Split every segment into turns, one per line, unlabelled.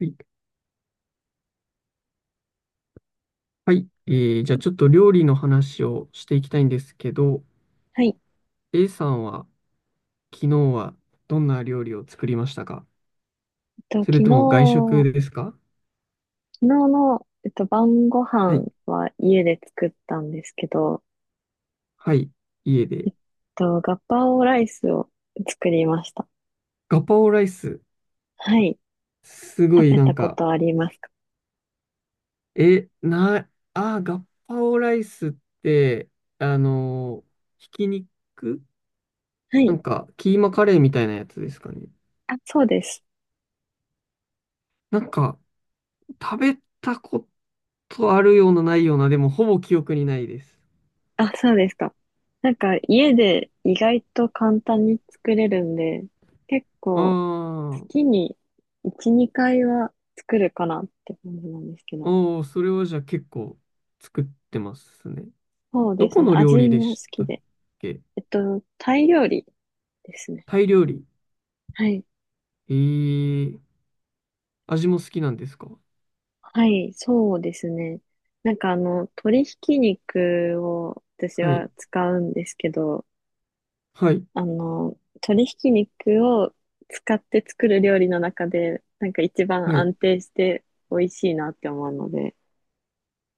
はい。はい。じゃあちょっと料理の話をしていきたいんですけど、
はい。
A さんは昨日はどんな料理を作りましたか？
と、
そ
昨
れとも外
日、
食ですか？
昨日の晩ご
は
飯
い。
は家で作ったんですけど、
はい。家で。
えっガパオライスを作りました。
ガパオライス。
はい。
すご
食
い
べ
な
た
ん
こ
か、
とありますか？
え、な、あー、ガパオライスって、あのーひき肉
は
な
い。
んか、キーマカレーみたいなやつですかね。
あ、そうです。
なんか、食べたことあるようなないような、でもほぼ記憶にないです。
あ、そうですか。なんか、家で意外と簡単に作れるんで、結
あ
構、
あ、
月に1、2回は作るかなって感じなんですけど。
おー、それはじゃあ結構作ってますね。
そう
ど
です
こ
ね。
の料
味
理で
も好
し
き
たっ
で。
け？
タイ料理ですね。
タイ料理。
はい。
えー、味も好きなんですか？
はい、そうですね。なんか鶏ひき肉を私
はい、
は使うんですけど、
はい、
鶏ひき肉を使って作る料理の中で、なんか一番
はい。
安定して美味しいなって思うので、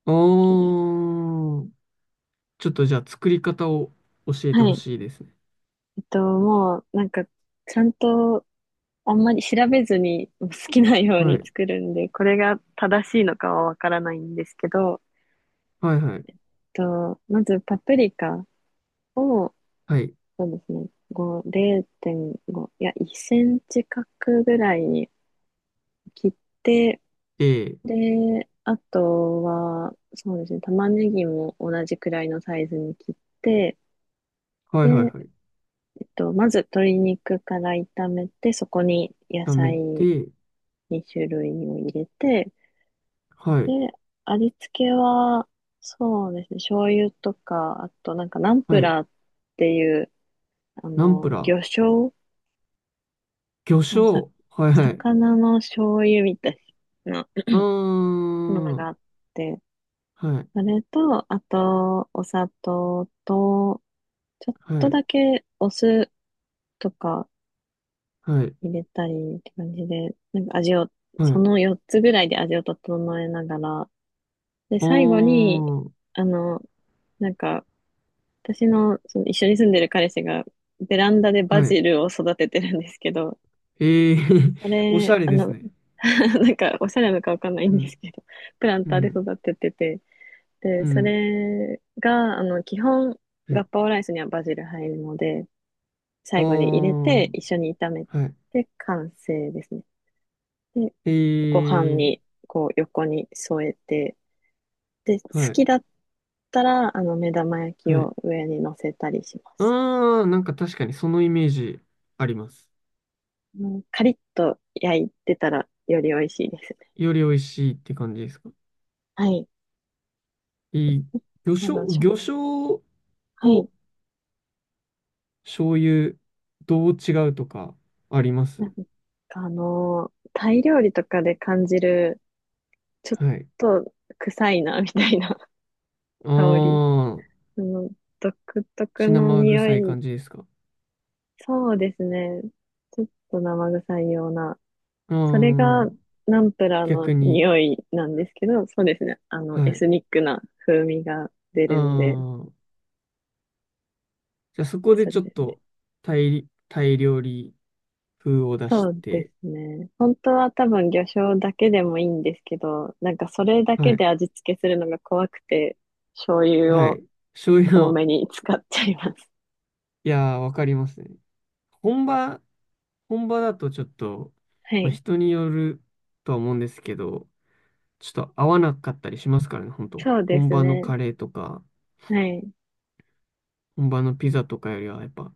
あ
好きです。
ー、ちょっとじゃあ作り方を教えて
は
ほ
い。
しいですね。
もうなんか、ちゃんとあんまり調べずに好きなよう
は
に
い、
作るんで、これが正しいのかはわからないんですけど、
はい、はい、
まずパプリカを、
はい。
そうですね。5、0.5、いや、1センチ角ぐらいに切って、
で、
で、あとは、そうですね、玉ねぎも同じくらいのサイズに切って、
はい、はい、
で、
はい。
まず鶏肉から炒めて、そこに野
炒め
菜
て、
2種類を入れて、
は
で、
い、
味付けは、そうですね、醤油とか、あとなんかナンプ
はい。
ラーっていう、
ナンプラ
魚
ー、
醤
魚
あの、さ、
醤、はい、はい。
魚の醤油みたいな
うー
もの
ん、
が
は
あって、
い、
それと、あと、お砂糖と、ちょっ
は
と
い、
だけお酢とか
はい。
入れたりって感じで、なんか味を、
は
そ
い、
の4つぐらいで味を整えながら、で、
あ
最後に、
あ、
あの、なんか、私の、その一緒に住んでる彼氏が、ベランダでバ
はい。
ジルを育ててるんですけど、
ええ、
そ
おし
れ、
ゃれですね。
なんか、おしゃれなのかわかんない
う
んで
ん、
すけど、プラン
う
ターで
ん、
育ててて、
う
で、そ
ん。
れが、基本、
は
ガッ
い。
パオライスにはバジル入るので、
ああ、
最後に入れて、一緒に炒め
はい。
て、完成ですね。で、ご飯
ええ、
に、こう、横に添えて、で、好
はい、
きだったら、目玉焼き
はい。
を上に乗せたりします。
ああ、なんか確かにそのイメージあります。
うん。カリッと焼いてたら、より美味しいですね。
より美味しいって感じですか。
はい。
いい。魚
だか
醤、
らしょ、
魚醤
はい。
と醤油、どう違うとかありま
なん
す？
かタイ料理とかで感じる、ちょっ
はい。
と臭いな、みたいな
あ
香り。
あ、
その、独特
血
の
生
匂
臭い
い。
感じですか。
そうですね。ちょっと生臭いような。
あ
それ
あ、
がナンプラーの
逆に。
匂いなんですけど、そうですね。
は
エ
い。
スニックな風味が出
あ
るんで、
あ。じゃあそこで
それ
ちょっ
で。
とタイ料理風を出
そ
し
うで
て、
すね。本当は多分魚醤だけでもいいんですけど、なんかそれだ
は
け
い、
で味付けするのが怖くて、醤油
は
を
い。醤油
多
の、
めに使っちゃいます。
いやー、わかりますね。本場、本場だとちょっと、
は
まあ、
い。
人によるとは思うんですけど、ちょっと合わなかったりしますからね、本当
そうで
本
す
場の
ね。
カレーとか、
はい。
本場のピザとかよりは、やっぱ、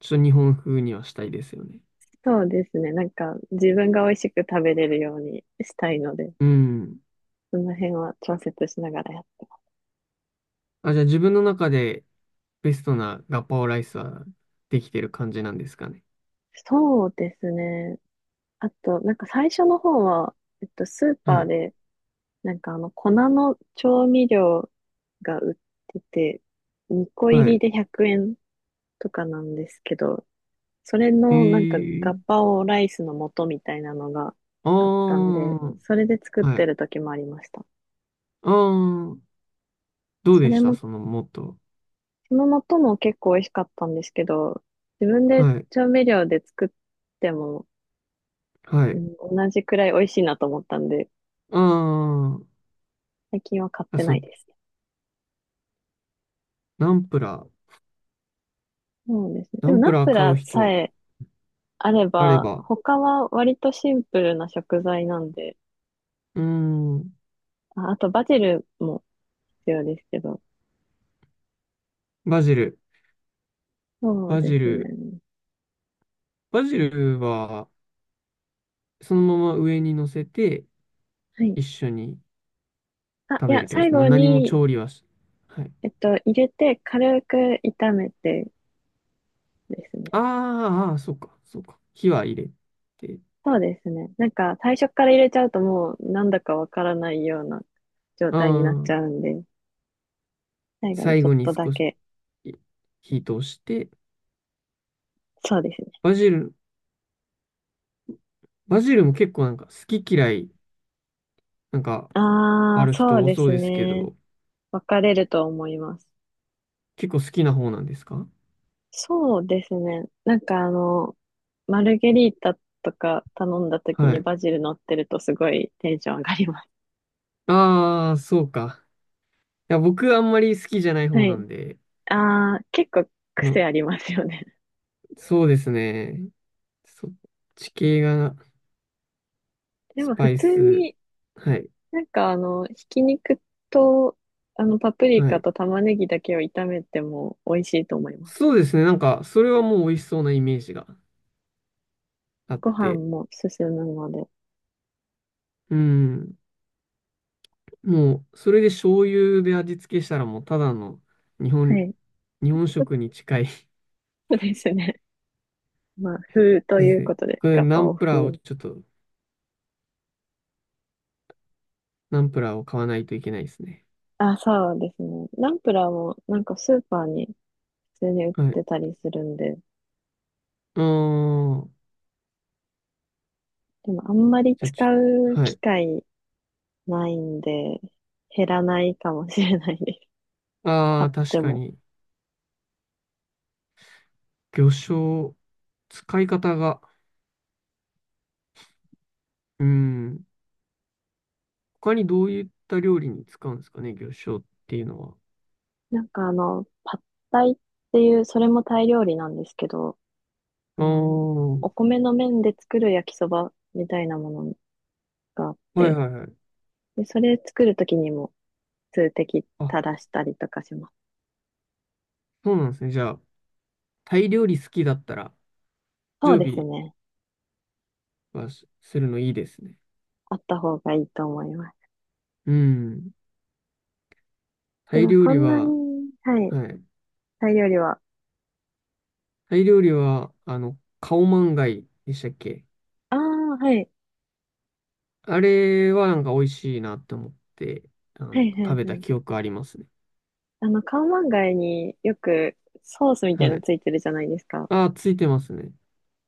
ちょっと日本風にはしたいですよね。
そうですね。なんか、自分が美味しく食べれるようにしたいので、
うん。
その辺は調節しながらやってま
あ、じゃあ自分の中でベストなガパオライスはできてる感じなんですかね。
す。そうですね。あと、なんか最初の方は、スーパ
は
ー
い。
で、なんか粉の調味料が売ってて、2個入
は
り
い。
で100円とかなんですけど、それ
え
のなんかガ
ー、
パオライスの素みたいなのが
あ
あったん
あ、
で、それで作っ
は
て
い。
る時もありました。
ああ、どう
そ
で
れ
した
も、
そのもっと。
その素も結構美味しかったんですけど、自分で
はい。
調味料で作っても、
はい。
うん、同じくらい美味しいなと思ったんで、
あー、
最近は買っ
あ、
て
そ
ない
う、
ですね。
ナンプラー。
そうですね。で
ナ
も
ン
ナ
プ
ン
ラー
プ
買
ラ
う
ー
人
さ
は、
えあれ
あれ
ば、
ば。
他は割とシンプルな食材なんで、
うーん、
あ、あとバジルも必要ですけど、
バジル。
そう
バ
で
ジ
すね。
ル。バジルは、そのまま上に乗せて、
はい。
一緒に
あ、
食
い
べ
や、
るって感
最
じ。
後
何も
に、
調理はし、はい。
入れて軽く炒めてですね。
あー、あー、そうか、そうか。火は入れて。
そうですね。なんか最初から入れちゃうともうなんだかわからないような状
あ
態になっち
あ、
ゃうんで、最後に
最
ちょ
後
っ
に
とだ
少し
け。
い火通して、
そうですね。
バジル、バジルも結構なんか好き嫌い、なんか
あ
あ
あ、
る
そ
人
う
多
で
そう
す
ですけ
ね。
ど、
分かれると思います。
結構好きな方なんですか？
そうですね。なんかマルゲリータとか頼んだ時
は
に
い。
バジル乗ってるとすごいテンション上がります。
ああ、そうか。いや、僕あんまり好きじゃない方
は
な
い。
んで、
ああ、結構
の、
癖ありますよね。
そうですね。そっち系が
で
ス
も普
パイ
通
ス。
に
はい。
なんかひき肉と、パプリ
は
カ
い。
と玉ねぎだけを炒めても美味しいと思います。
そうですね。なんか、それはもう美味しそうなイメージがあっ
ご飯
て。
も進むので。
うん。もう、それで醤油で味付けしたらもうただの日
は
本、
い。
日本食に近い。そ
そうですね。まあ、風と
うで
い
す
う
ね。
ことで、
これ
ガ
ナ
パ
ン
オ
プラーを
風。
ちょっとナンプラーを買わないといけないですね。
あ、そうですね。ナンプラーもなんかスーパーに普通に売っ
はい。
てたりするんで、
あー、
でもあんまり
じゃあ
使
ち
う
ょ、は
機
い。
会ないんで、減らないかもしれないです。
あ
買
あ、
っ
確
て
か
も。
に、魚醤、使い方が、うん、他にどういった料理に使うんですかね、魚醤っていうのは。
なんかパッタイっていう、それもタイ料理なんですけど、あ
あ
の、
ー、
お米の麺で作る焼きそばみたいなものがあっ
はい
て、
はいはい。
で、それ作るときにも数滴
あ、
垂らしたりとかします。
そうなんですね。じゃあ、タイ料理好きだったら、
そう
常
です
備
ね。
はすするのいいですね。
あった方がいいと思います。
うん。タ
で
イ
も
料
そ
理
んな
は、
に、はい、
はい。
タイ料理は。
タイ料理は、あの、カオマンガイでしたっけ？
ああ、はい、
あれはなんか美味しいなって思って、あ
は
の、
い、は
食
い、
べ
は
た
い。
記憶ありますね。
カオマンガイによくソースみたい
は
なの
い。
ついてるじゃないですか。
あ、ついてますね。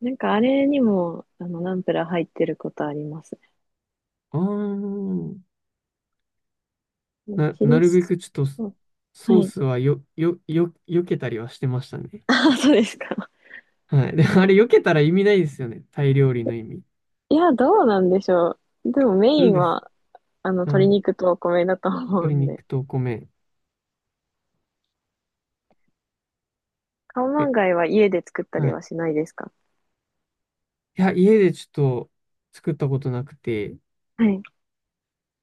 なんかあれにも、ナンプラー入ってることあります
あー、
ね。チリ
なる
ソ
べくちょっと
ース、は
ソー
い。
スはよ、よ、よ、避けたりはしてましたね。
ああ、そうですか。
はい。で、あ
も
れ避けたら意味ないですよね。タイ料理の意味。
いや、どうなんでしょう。でもメ
そ
イ
う
ン
です。
は、
あ
鶏
ー、
肉とお米だと思う
鶏
んで。
肉とお米。
カオマ
で、
ンガイは家で作ったり
はい。
はしないですか？
いや、家でちょっと作ったことなくて、
はい。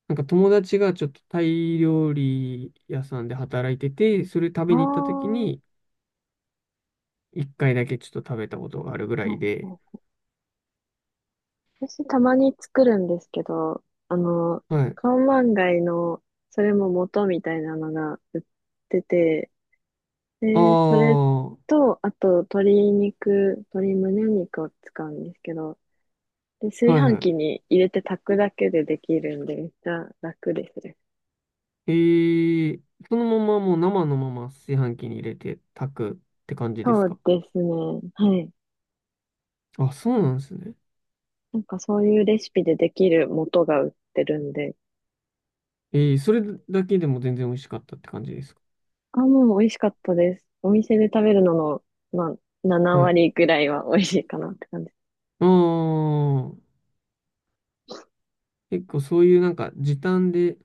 なんか友達がちょっとタイ料理屋さんで働いてて、それ食
あ
べに行った時
あ。
に、一回だけちょっと食べたことがあるぐら
う
い
んう
で。
ん、私たまに作るんですけど、あの、
はい。
カオマンガイの、それも元みたいなのが売ってて、
あ
で、それ
あ、は
と、あと、鶏肉、鶏胸肉を使うんですけど、で、
い
炊飯
は
器に入れて炊くだけでできるんで、めっちゃ楽ですね。
い。えー、そのままもう生のまま炊飯器に入れて炊くって感じです
そう
か？
ですね。はい。
あ、そうなんですね。
なんかそういうレシピでできる素が売ってるんで。
えー、それだけでも全然美味しかったって感じですか？
あ、もう美味しかったです。お店で食べるのの、まあ、
はい。
7割ぐらいは美味しいかなって感じ。
ああ、結構そういうなんか時短で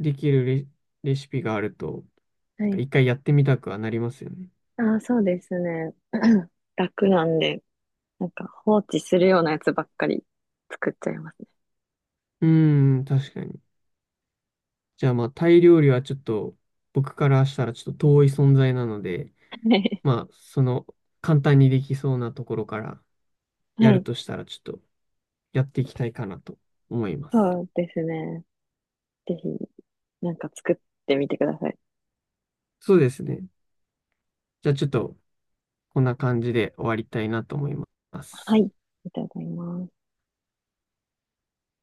できるレシピがあると、
は
なんか
い。
一回やってみたくはなりますよね。
あ、そうですね。楽なんで、なんか放置するようなやつばっかり作っちゃいます
うーん、確かに。じゃあまあタイ料理はちょっと僕からしたらちょっと遠い存在なので、
ね。
まあ、その、簡単にできそうなところから や
は
る
い。
としたら、ちょっとやっていきたいかなと思います。
そうですね。ぜひ、なんか作ってみてください。
そうですね。じゃあちょっと、こんな感じで終わりたいなと思いま
はい。
す。
いただきます。